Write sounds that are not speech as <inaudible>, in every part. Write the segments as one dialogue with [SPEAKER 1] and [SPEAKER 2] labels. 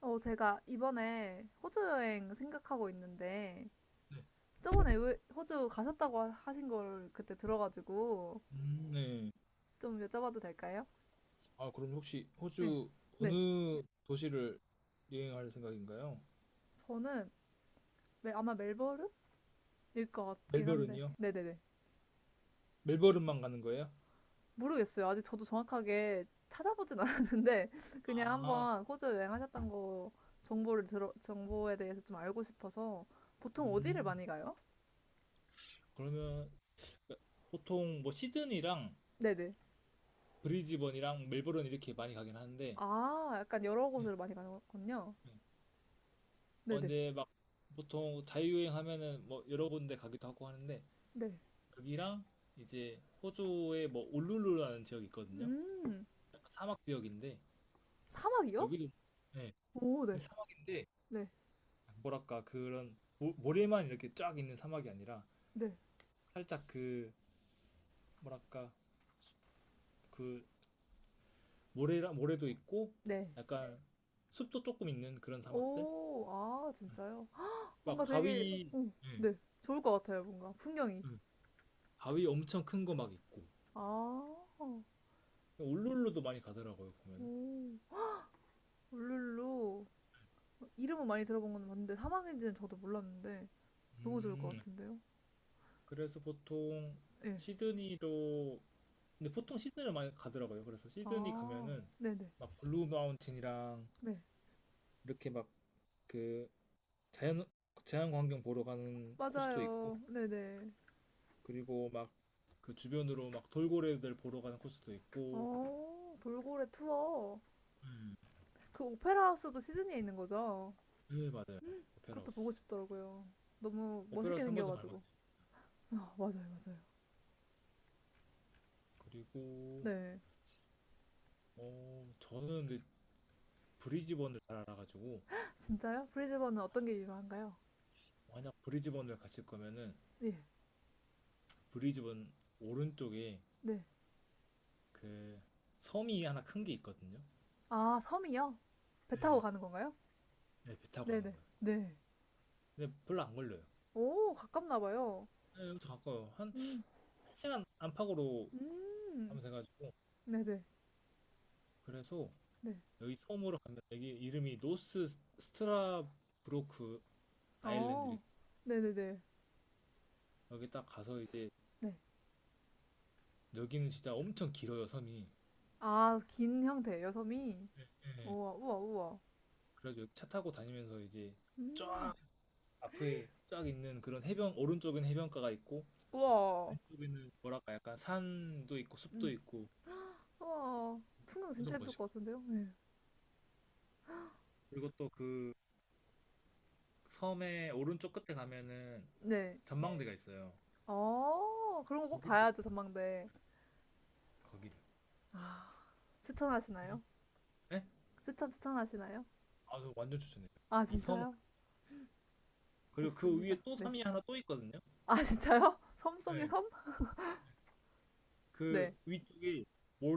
[SPEAKER 1] 제가 이번에 호주 여행 생각하고 있는데, 저번에 왜 호주 가셨다고 하신 걸 그때 들어가지고,
[SPEAKER 2] 음, 네.
[SPEAKER 1] 좀 여쭤봐도 될까요?
[SPEAKER 2] 아, 그럼 혹시
[SPEAKER 1] 네.
[SPEAKER 2] 호주
[SPEAKER 1] 네.
[SPEAKER 2] 어느 도시를 여행할 생각인가요?
[SPEAKER 1] 저는 아마 멜버른일 것 같긴 한데,
[SPEAKER 2] 멜버른이요?
[SPEAKER 1] 네네네.
[SPEAKER 2] 멜버른만 가는 거예요?
[SPEAKER 1] 모르겠어요. 아직 저도 정확하게 찾아보진 <laughs> 않았는데, 그냥
[SPEAKER 2] 아,
[SPEAKER 1] 한번 호주 여행하셨던 거, 정보에 대해서 좀 알고 싶어서, 보통 어디를
[SPEAKER 2] 음.
[SPEAKER 1] 많이 가요?
[SPEAKER 2] 그러면 보통 뭐 시드니랑
[SPEAKER 1] 네네.
[SPEAKER 2] 브리즈번이랑 멜버른 이렇게 많이 가긴 하는데.
[SPEAKER 1] 아, 약간 여러
[SPEAKER 2] 네,
[SPEAKER 1] 곳을 많이 가는군요.
[SPEAKER 2] 네.
[SPEAKER 1] 네네.
[SPEAKER 2] 근데 막 보통 자유여행 하면은 뭐 여러 군데 가기도 하고 하는데,
[SPEAKER 1] 네.
[SPEAKER 2] 여기랑 이제 호주의 뭐 울룰루라는 지역이 있거든요.
[SPEAKER 1] 음.
[SPEAKER 2] 약간 사막 지역인데
[SPEAKER 1] 사막이요?
[SPEAKER 2] 여기도, 네,
[SPEAKER 1] 오, 네.
[SPEAKER 2] 근데 사막인데
[SPEAKER 1] 네.
[SPEAKER 2] 뭐랄까 그런 모래만 이렇게 쫙 있는 사막이 아니라
[SPEAKER 1] 네.
[SPEAKER 2] 살짝 그 뭐랄까 그 모래라 모래도 있고
[SPEAKER 1] 네.
[SPEAKER 2] 약간 숲도 조금 있는 그런 사막들.
[SPEAKER 1] 오, 아,
[SPEAKER 2] 음.
[SPEAKER 1] 진짜요? 헉,
[SPEAKER 2] 막
[SPEAKER 1] 뭔가 되게,
[SPEAKER 2] 바위.
[SPEAKER 1] 오,
[SPEAKER 2] 예,
[SPEAKER 1] 네. 좋을 것 같아요, 뭔가. 풍경이.
[SPEAKER 2] 음. 바위 엄청 큰 거 막 있고
[SPEAKER 1] 아, 오,
[SPEAKER 2] 울룰루도 많이 가더라고요 보면은.
[SPEAKER 1] 울룰루. 이름은 많이 들어본 건 맞는데, 사막인지는 저도 몰랐는데, 너무 좋을 것
[SPEAKER 2] 음,
[SPEAKER 1] 같은데요?
[SPEAKER 2] 그래서 보통
[SPEAKER 1] 예.
[SPEAKER 2] 시드니로, 근데 보통 시드니를 많이 가더라고요. 그래서 시드니
[SPEAKER 1] 아,
[SPEAKER 2] 가면은
[SPEAKER 1] 네네.
[SPEAKER 2] 막 블루 마운틴이랑
[SPEAKER 1] 네. 네.
[SPEAKER 2] 이렇게 막그 자연 자연 광경 보러 가는 코스도 있고
[SPEAKER 1] 맞아요. 네네.
[SPEAKER 2] 그리고 막 그 주변으로 막 돌고래들 보러 가는 코스도 있고.
[SPEAKER 1] 어, 돌고래 투어.
[SPEAKER 2] 음.
[SPEAKER 1] 그 오페라 하우스도 시드니에 있는 거죠?
[SPEAKER 2] 네, 맞아요.
[SPEAKER 1] 그것도 보고
[SPEAKER 2] 오페라하우스
[SPEAKER 1] 싶더라고요. 너무 멋있게
[SPEAKER 2] 오페라하우스 한 번쯤 갈만해요.
[SPEAKER 1] 생겨가지고. 아, 맞아요, 맞아요.
[SPEAKER 2] 그리고
[SPEAKER 1] 네.
[SPEAKER 2] 저는 근데 브리즈번을 잘 알아가지고
[SPEAKER 1] 진짜요? 브리즈번은 어떤 게 유명한가요?
[SPEAKER 2] 만약 브리즈번을 가실 거면은
[SPEAKER 1] 네.
[SPEAKER 2] 브리즈번 오른쪽에
[SPEAKER 1] 네.
[SPEAKER 2] 그 섬이 하나 큰 게 있거든요.
[SPEAKER 1] 아, 섬이요? 배 타고
[SPEAKER 2] 네.
[SPEAKER 1] 가는 건가요?
[SPEAKER 2] 네, 배 타고 가는
[SPEAKER 1] 네네.
[SPEAKER 2] 거예요.
[SPEAKER 1] 네.
[SPEAKER 2] 근데 별로 안 걸려요.
[SPEAKER 1] 오, 가깝나 봐요.
[SPEAKER 2] 네, 여기서 가까워요. 한,
[SPEAKER 1] 음,
[SPEAKER 2] 한 시간 안팎으로
[SPEAKER 1] 음.
[SPEAKER 2] 가면 돼가지고.
[SPEAKER 1] 네네.
[SPEAKER 2] 그래서
[SPEAKER 1] 네.
[SPEAKER 2] 여기 섬으로 가면 여기 이름이 노스 스트라브로크 아일랜드.
[SPEAKER 1] 어, 네네네.
[SPEAKER 2] 여기 딱 가서 이제
[SPEAKER 1] 네.
[SPEAKER 2] 여기는 진짜 엄청 길어요, 섬이.
[SPEAKER 1] 아, 긴 형태예요, 섬이?
[SPEAKER 2] 네.
[SPEAKER 1] 우와, 우와, 우와.
[SPEAKER 2] 그래서 여기 차 타고 다니면서 이제
[SPEAKER 1] 음,
[SPEAKER 2] 쫙, 앞에 쫙 있는 그런 해변 오른쪽엔 해변가가 있고
[SPEAKER 1] 우와.
[SPEAKER 2] 왼쪽에는 뭐랄까 약간 산도 있고 숲도
[SPEAKER 1] 음,
[SPEAKER 2] 있고
[SPEAKER 1] 우와. 풍경 진짜
[SPEAKER 2] 엄청
[SPEAKER 1] 예쁠 것
[SPEAKER 2] 멋있고,
[SPEAKER 1] 같은데요? 네.
[SPEAKER 2] 그리고 또 그 섬의 오른쪽 끝에 가면은
[SPEAKER 1] 네.
[SPEAKER 2] 전망대가 있어요.
[SPEAKER 1] 어, 그런 거 꼭
[SPEAKER 2] 거기를 꼭
[SPEAKER 1] 봐야죠,
[SPEAKER 2] 가봐요,
[SPEAKER 1] 전망대.
[SPEAKER 2] 거기를. 그리고,
[SPEAKER 1] 추천하시나요?
[SPEAKER 2] 네?
[SPEAKER 1] 추천하시나요?
[SPEAKER 2] 아, 저 완전 추천해요.
[SPEAKER 1] 아,
[SPEAKER 2] 이 섬,
[SPEAKER 1] 진짜요?
[SPEAKER 2] 그리고 그
[SPEAKER 1] 좋습니다.
[SPEAKER 2] 위에 또
[SPEAKER 1] 네.
[SPEAKER 2] 섬이 하나 또 있거든요.
[SPEAKER 1] 아, 진짜요? <laughs> 섬 속의
[SPEAKER 2] 네,
[SPEAKER 1] 섬?
[SPEAKER 2] 그
[SPEAKER 1] 네.
[SPEAKER 2] 위쪽에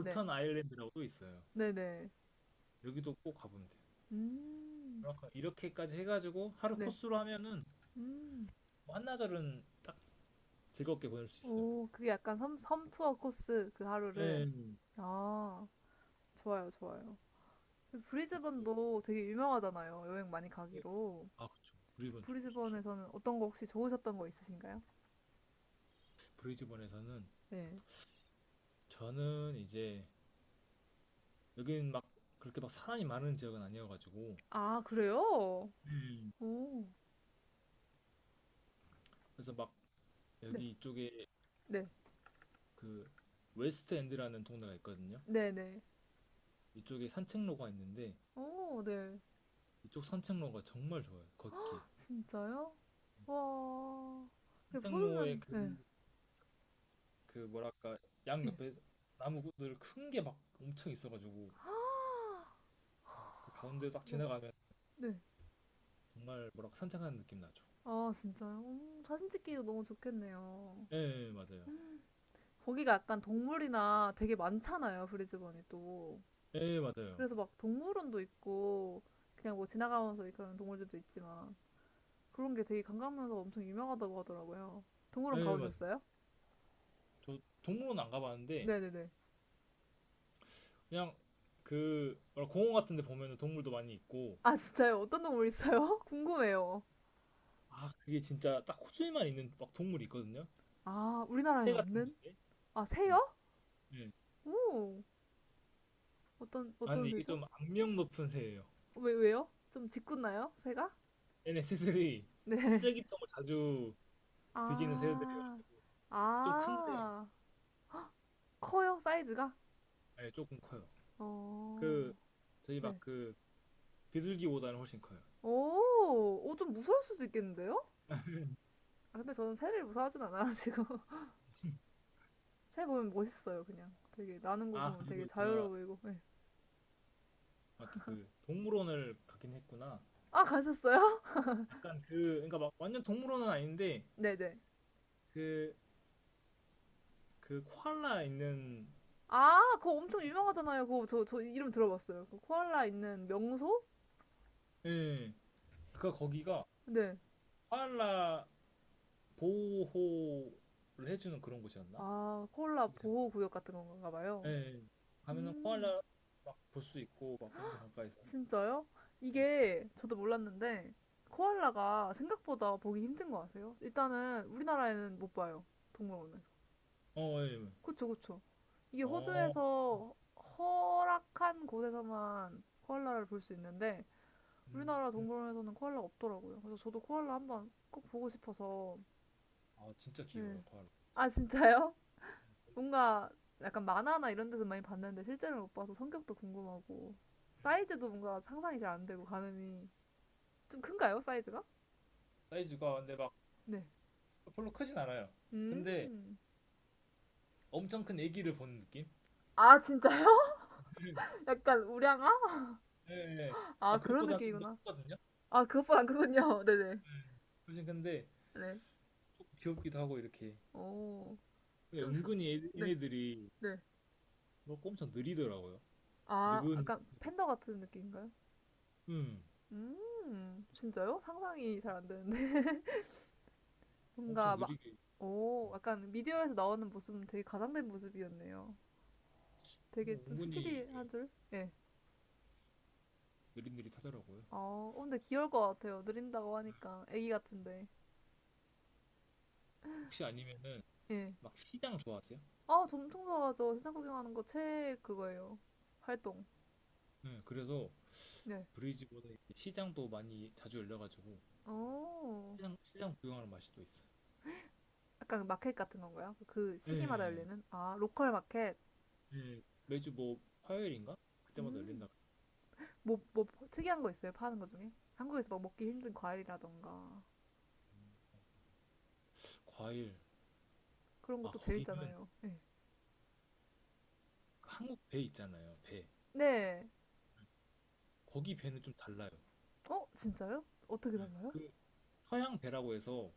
[SPEAKER 1] 네.
[SPEAKER 2] 아일랜드라고 있어요.
[SPEAKER 1] 네네.
[SPEAKER 2] 여기도 꼭 가보면 돼요.
[SPEAKER 1] 음.
[SPEAKER 2] 뭐랄까 이렇게까지 해가지고 하루
[SPEAKER 1] 네.
[SPEAKER 2] 코스로 하면은
[SPEAKER 1] 음.
[SPEAKER 2] 뭐 한나절은 딱 즐겁게 보낼 수 있어요.
[SPEAKER 1] 오, 그게 약간 섬 투어 코스 그 하루를.
[SPEAKER 2] 네,
[SPEAKER 1] 아, 좋아요, 좋아요. 그래서
[SPEAKER 2] 그것도
[SPEAKER 1] 브리즈번도 되게 유명하잖아요. 여행 많이
[SPEAKER 2] 있고,
[SPEAKER 1] 가기로.
[SPEAKER 2] 아, 그쵸, 브리즈번 좋죠.
[SPEAKER 1] 브리즈번에서는 어떤 거 혹시 좋으셨던 거 있으신가요?
[SPEAKER 2] 브리즈번에서는
[SPEAKER 1] 네.
[SPEAKER 2] 저는 이제 여긴 막 그렇게 막 사람이 많은 지역은 아니어가지고,
[SPEAKER 1] 아, 그래요?
[SPEAKER 2] 음.
[SPEAKER 1] 오.
[SPEAKER 2] 그래서 막
[SPEAKER 1] 네.
[SPEAKER 2] 여기 이쪽에
[SPEAKER 1] 네.
[SPEAKER 2] 그 웨스트 엔드라는 동네가 있거든요.
[SPEAKER 1] 네네.
[SPEAKER 2] 이쪽에 산책로가 있는데
[SPEAKER 1] 오, 네.
[SPEAKER 2] 이쪽 산책로가 정말 좋아요. 걷기.
[SPEAKER 1] 진짜요? 와. 근데
[SPEAKER 2] 산책로에
[SPEAKER 1] 호주는,
[SPEAKER 2] 그,
[SPEAKER 1] 네.
[SPEAKER 2] 그 뭐랄까 양
[SPEAKER 1] 예.
[SPEAKER 2] 옆에 나무들 큰 게 막 엄청 있어가지고 그 가운데 딱
[SPEAKER 1] 우와,
[SPEAKER 2] 지나가면
[SPEAKER 1] 네.
[SPEAKER 2] 정말 뭐랄까 산책하는 느낌 나죠.
[SPEAKER 1] 아, 진짜요? 사진 찍기도 너무 좋겠네요.
[SPEAKER 2] 예, 예, 맞아요.
[SPEAKER 1] 음, 거기가 약간 동물이나 되게 많잖아요, 브리즈번이 또.
[SPEAKER 2] 예, 맞아요.
[SPEAKER 1] 그래서 막 동물원도 있고, 그냥 뭐 지나가면서 그런 동물들도 있지만, 그런 게 되게 관광명소가 엄청 유명하다고 하더라고요. 동물원
[SPEAKER 2] 예, 맞아요.
[SPEAKER 1] 가보셨어요?
[SPEAKER 2] 저 동물원 안 가봤는데
[SPEAKER 1] 네네네.
[SPEAKER 2] 그냥 그 뭐랄까 공원 같은 데 보면은 동물도 많이 있고
[SPEAKER 1] 아, 진짜요? 어떤 동물 있어요? <laughs> 궁금해요.
[SPEAKER 2] 아, 그게 진짜 딱 호주에만 있는 막 동물이 있거든요.
[SPEAKER 1] 아, 우리나라엔
[SPEAKER 2] 새 같은
[SPEAKER 1] 없는?
[SPEAKER 2] 건데.
[SPEAKER 1] 아,
[SPEAKER 2] 예,
[SPEAKER 1] 새요?
[SPEAKER 2] 예.
[SPEAKER 1] 오,
[SPEAKER 2] 아,
[SPEAKER 1] 어떤
[SPEAKER 2] 근데 이게
[SPEAKER 1] 새죠?
[SPEAKER 2] 좀 악명 높은 새예요.
[SPEAKER 1] 왜요? 좀 짓궂나요? 새가?
[SPEAKER 2] 얘네 새들이
[SPEAKER 1] 네.
[SPEAKER 2] 쓰레기통을 자주 뒤지는
[SPEAKER 1] 아,
[SPEAKER 2] 새들이어가지고 좀 큰데
[SPEAKER 1] 아, 커요, 사이즈가?
[SPEAKER 2] 네, 조금 커요.
[SPEAKER 1] 어,
[SPEAKER 2] 그, 저희 막
[SPEAKER 1] 네.
[SPEAKER 2] 그 비둘기보다는 훨씬 커요.
[SPEAKER 1] 오, 오, 좀 무서울 수도 있겠는데요? 아, 근데 저는 새를 무서워하진 않아가지고. <laughs>
[SPEAKER 2] <laughs>
[SPEAKER 1] 새 보면 멋있어요, 그냥. 되게, 나는 거
[SPEAKER 2] 아,
[SPEAKER 1] 보면 되게
[SPEAKER 2] 그리고
[SPEAKER 1] 자유로워
[SPEAKER 2] 제가
[SPEAKER 1] 보이고. 네.
[SPEAKER 2] 맞다, 그 동물원을 가긴 했구나.
[SPEAKER 1] 아, 가셨어요?
[SPEAKER 2] 약간 그 그러니까 막 완전 동물원은 아닌데
[SPEAKER 1] <laughs> 네네.
[SPEAKER 2] 그 그 코알라 있는
[SPEAKER 1] 아, 그거 엄청 유명하잖아요. 그거 저 이름 들어봤어요. 그 코알라 있는 명소?
[SPEAKER 2] 예. 그 거기가
[SPEAKER 1] 네.
[SPEAKER 2] 코알라 보호를 해주는 그런 곳이었나?
[SPEAKER 1] 아, 코알라
[SPEAKER 2] 기잘
[SPEAKER 1] 보호구역 같은 건가
[SPEAKER 2] 예.
[SPEAKER 1] 봐요.
[SPEAKER 2] 예. 가면은
[SPEAKER 1] 음.
[SPEAKER 2] 코알라 막 볼 수 있고 막 엄청 가까이서.
[SPEAKER 1] 진짜요? 이게 저도 몰랐는데 코알라가 생각보다 보기 힘든 거 아세요? 일단은 우리나라에는 못 봐요. 동물원에서.
[SPEAKER 2] 어, 예. 예.
[SPEAKER 1] 그쵸, 그쵸. 이게
[SPEAKER 2] 어.
[SPEAKER 1] 호주에서 허락한 곳에서만 코알라를 볼 수 있는데
[SPEAKER 2] 음.
[SPEAKER 1] 우리나라
[SPEAKER 2] 음.
[SPEAKER 1] 동물원에서는 코알라 없더라고요. 그래서 저도 코알라 한번 꼭 보고 싶어서.
[SPEAKER 2] 아, 진짜
[SPEAKER 1] 네.
[SPEAKER 2] 귀여워요, 코알라.
[SPEAKER 1] 아, 진짜요? <laughs> 뭔가 약간 만화나 이런 데서 많이 봤는데 실제로 못 봐서 성격도 궁금하고
[SPEAKER 2] 음.
[SPEAKER 1] 사이즈도 뭔가 상상이 잘 안 되고 가늠이 좀 큰가요? 사이즈가?
[SPEAKER 2] 사이즈가 근데 막
[SPEAKER 1] 네.
[SPEAKER 2] 별로 크진 않아요. 근데
[SPEAKER 1] 음.
[SPEAKER 2] 엄청 큰 애기를 보는 느낌?
[SPEAKER 1] 아, 진짜요?
[SPEAKER 2] <laughs>
[SPEAKER 1] <laughs> 약간 우량아?
[SPEAKER 2] 예, 예.
[SPEAKER 1] 아,
[SPEAKER 2] 아,
[SPEAKER 1] 그런
[SPEAKER 2] 그것보다 좀 더
[SPEAKER 1] 느낌이구나.
[SPEAKER 2] 크거든요.
[SPEAKER 1] 아, 그것보단 그군요. <laughs> 네네.
[SPEAKER 2] 음. 훨씬 근데
[SPEAKER 1] 네.
[SPEAKER 2] 조금 귀엽기도 하고 이렇게.
[SPEAKER 1] 오.
[SPEAKER 2] 근데
[SPEAKER 1] 좀 수,
[SPEAKER 2] 은근히 얘-
[SPEAKER 1] 네.
[SPEAKER 2] 얘네들이
[SPEAKER 1] 네.
[SPEAKER 2] 그거 엄청 느리더라고요.
[SPEAKER 1] 아,
[SPEAKER 2] 느근,
[SPEAKER 1] 약간 팬더 같은 느낌인가요?
[SPEAKER 2] 음,
[SPEAKER 1] 음. 진짜요? 상상이 잘 안 되는데. <laughs>
[SPEAKER 2] 엄청
[SPEAKER 1] 뭔가 막,
[SPEAKER 2] 느리게.
[SPEAKER 1] 오.
[SPEAKER 2] 음.
[SPEAKER 1] 약간 미디어에서 나오는 모습은 되게 가장된 모습이었네요. 되게 좀
[SPEAKER 2] 은근히 예,
[SPEAKER 1] 스피디한 줄? 예.
[SPEAKER 2] 느릿느릿하더라고요.
[SPEAKER 1] 어, 어, 근데 귀여울 것 같아요. 느린다고 하니까. 애기 같은데.
[SPEAKER 2] 혹시 아니면은
[SPEAKER 1] 예.
[SPEAKER 2] 막 시장 좋아하세요?
[SPEAKER 1] 아, 엄청 좋아하죠. 세상 구경하는 거 최 그거예요. 활동.
[SPEAKER 2] 네, 그래서
[SPEAKER 1] 네.
[SPEAKER 2] 브리즈번에 시장도 많이 자주 열려가지고
[SPEAKER 1] 어.
[SPEAKER 2] 시장 구경하는 맛이 또 있어요.
[SPEAKER 1] 약간 그 마켓 같은 건가요? 그
[SPEAKER 2] 네.
[SPEAKER 1] 시기마다 열리는? 아, 로컬 마켓.
[SPEAKER 2] 매주 뭐 화요일인가? 그때마다 열린다.
[SPEAKER 1] 음. 뭐 특이한 거 있어요? 파는 거 중에? 한국에서 막 먹기 힘든 과일이라던가.
[SPEAKER 2] 과일.
[SPEAKER 1] 그런
[SPEAKER 2] 아,
[SPEAKER 1] 것도
[SPEAKER 2] 거기는
[SPEAKER 1] 재밌잖아요. 네.
[SPEAKER 2] 그 한국 배 있잖아요. 배.
[SPEAKER 1] 네.
[SPEAKER 2] 거기 배는 좀 달라요.
[SPEAKER 1] 어, 진짜요? 어떻게 달라요?
[SPEAKER 2] 그 서양 배라고 해서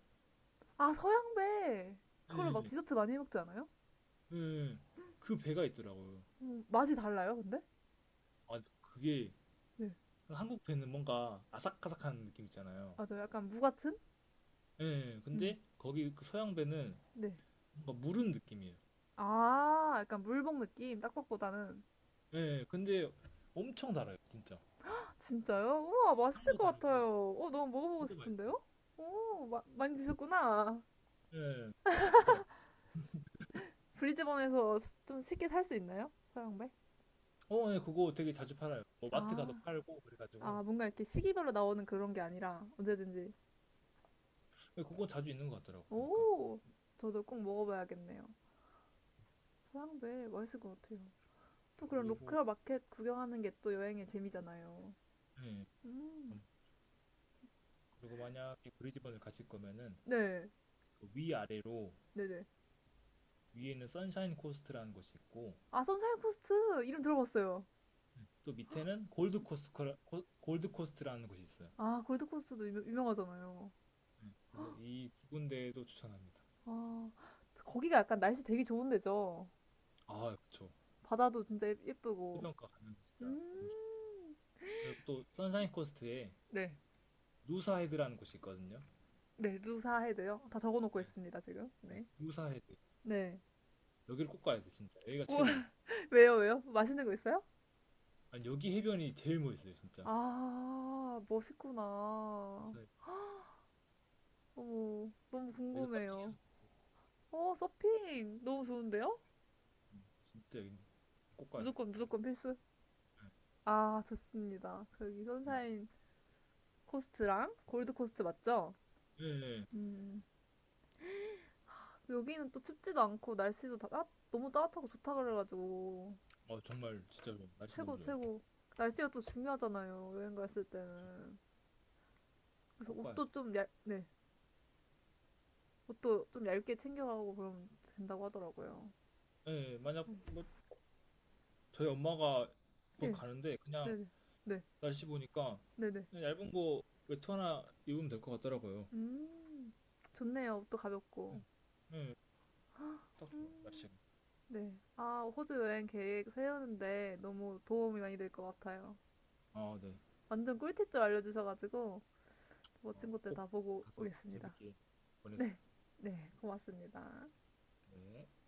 [SPEAKER 1] 아, 서양배. 그걸로 막
[SPEAKER 2] 음,
[SPEAKER 1] 디저트 많이 해 먹지 않아요?
[SPEAKER 2] 음, 그 배가 있더라고요.
[SPEAKER 1] 맛이 달라요, 근데?
[SPEAKER 2] 아, 그게
[SPEAKER 1] 네.
[SPEAKER 2] 한국 배는 뭔가 아삭아삭한 느낌 있잖아요.
[SPEAKER 1] 맞아요. 약간 무 같은?
[SPEAKER 2] 예,
[SPEAKER 1] 음.
[SPEAKER 2] 근데 거기 그 서양 배는
[SPEAKER 1] 네.
[SPEAKER 2] 뭔가 무른 느낌이에요.
[SPEAKER 1] 아, 약간 물복 느낌, 딱밥보다는.
[SPEAKER 2] 예, 근데 엄청 달아요, 진짜.
[SPEAKER 1] 진짜요? 우와, 맛있을
[SPEAKER 2] 향도
[SPEAKER 1] 것
[SPEAKER 2] 다르고
[SPEAKER 1] 같아요. 어, 너무 먹어보고
[SPEAKER 2] 진짜 맛있어요.
[SPEAKER 1] 싶은데요? 오, 많이 드셨구나.
[SPEAKER 2] 예, 진짜.
[SPEAKER 1] 브리즈번에서 좀 쉽게 살 수 있나요? 서양배?
[SPEAKER 2] 예, 그거 되게 자주 팔아요. 뭐 마트 가서
[SPEAKER 1] 아,
[SPEAKER 2] 팔고 그래가지고
[SPEAKER 1] 아, 뭔가 이렇게 시기별로 나오는 그런 게 아니라 언제든지.
[SPEAKER 2] 예, 그거 자주 있는 것 같더라고 보니까.
[SPEAKER 1] 오, 저도 꼭 먹어봐야겠네요. 서양배 맛있을 것 같아요. 또 그런
[SPEAKER 2] 그리고
[SPEAKER 1] 로컬 마켓 구경하는 게 또 여행의 재미잖아요.
[SPEAKER 2] 예,
[SPEAKER 1] 음,
[SPEAKER 2] 음, 그리고 만약에 브리즈번을 가실 거면은
[SPEAKER 1] 네,
[SPEAKER 2] 그 위아래로,
[SPEAKER 1] 네네.
[SPEAKER 2] 위에는 선샤인 코스트라는 곳이 있고
[SPEAKER 1] 아, 선샤인 코스트 이름 들어봤어요.
[SPEAKER 2] 또 밑에는 골드 코스트라는 곳이 있어요.
[SPEAKER 1] 아, 골드 코스트도 유명하잖아요.
[SPEAKER 2] 그래서 이 두 군데도 추천합니다.
[SPEAKER 1] 아, 거기가 약간 날씨 되게 좋은 데죠.
[SPEAKER 2] 아, 그쵸.
[SPEAKER 1] 바다도 진짜 예쁘고.
[SPEAKER 2] 해변가 가면 진짜 너무 좋죠.
[SPEAKER 1] 음.
[SPEAKER 2] 그리고 또 선샤인 코스트에
[SPEAKER 1] 네.
[SPEAKER 2] 누사헤드라는 곳이 있거든요.
[SPEAKER 1] 네, 누사해도요. 다 적어놓고
[SPEAKER 2] 네,
[SPEAKER 1] 있습니다, 지금. 네.
[SPEAKER 2] 누사헤드
[SPEAKER 1] 네.
[SPEAKER 2] 여기를 꼭 가야 돼 진짜. 여기가
[SPEAKER 1] 오,
[SPEAKER 2] 최고예요.
[SPEAKER 1] <laughs> 왜요, 왜요? 맛있는 거 있어요?
[SPEAKER 2] 아니 여기 해변이 제일 멋있어요, 진짜.
[SPEAKER 1] 아, 멋있구나.
[SPEAKER 2] 그래서
[SPEAKER 1] 어머, 너무
[SPEAKER 2] 여기서 서핑해도
[SPEAKER 1] 궁금해요.
[SPEAKER 2] 되고
[SPEAKER 1] 어, 서핑! 너무 좋은데요?
[SPEAKER 2] 진짜 여기 꼭 가야 돼.
[SPEAKER 1] 무조건, 무조건 필수.
[SPEAKER 2] 네,
[SPEAKER 1] 아, 좋습니다. 저기
[SPEAKER 2] 네.
[SPEAKER 1] 선샤인 코스트랑 골드 코스트 맞죠?
[SPEAKER 2] 예, 예.
[SPEAKER 1] 음, 여기는 또 춥지도 않고 날씨도 너무 따뜻하고 좋다 그래가지고
[SPEAKER 2] 정말 진짜 좋아요. 날씨 너무
[SPEAKER 1] 최고
[SPEAKER 2] 좋아요.
[SPEAKER 1] 최고 날씨가 또 중요하잖아요 여행 갔을
[SPEAKER 2] 그쵸.
[SPEAKER 1] 때는 그래서
[SPEAKER 2] 꼭 가야 돼.
[SPEAKER 1] 네 옷도 좀 얇게 챙겨가고 그러면 된다고 하더라고요
[SPEAKER 2] 예, 예. 만약
[SPEAKER 1] 음.
[SPEAKER 2] 뭐 저희 엄마가 뭐
[SPEAKER 1] 예
[SPEAKER 2] 가는데 그냥
[SPEAKER 1] 네네 네
[SPEAKER 2] 날씨 보니까
[SPEAKER 1] 네네
[SPEAKER 2] 그냥 얇은 거 외투 하나 입으면 될 것 같더라고요.
[SPEAKER 1] 음 좋네요 옷도 가볍고
[SPEAKER 2] 예, 예. 딱 좋아요 날씨가.
[SPEAKER 1] 네 아 호주 여행 계획 세우는데 너무 도움이 많이 될 것 같아요
[SPEAKER 2] 아, 네.
[SPEAKER 1] 완전 꿀팁들 알려주셔가지고 멋진 것들 다
[SPEAKER 2] 꼭
[SPEAKER 1] 보고
[SPEAKER 2] 가서
[SPEAKER 1] 오겠습니다
[SPEAKER 2] 재밌게
[SPEAKER 1] 네
[SPEAKER 2] 보내세요.
[SPEAKER 1] 네, 고맙습니다.
[SPEAKER 2] 네.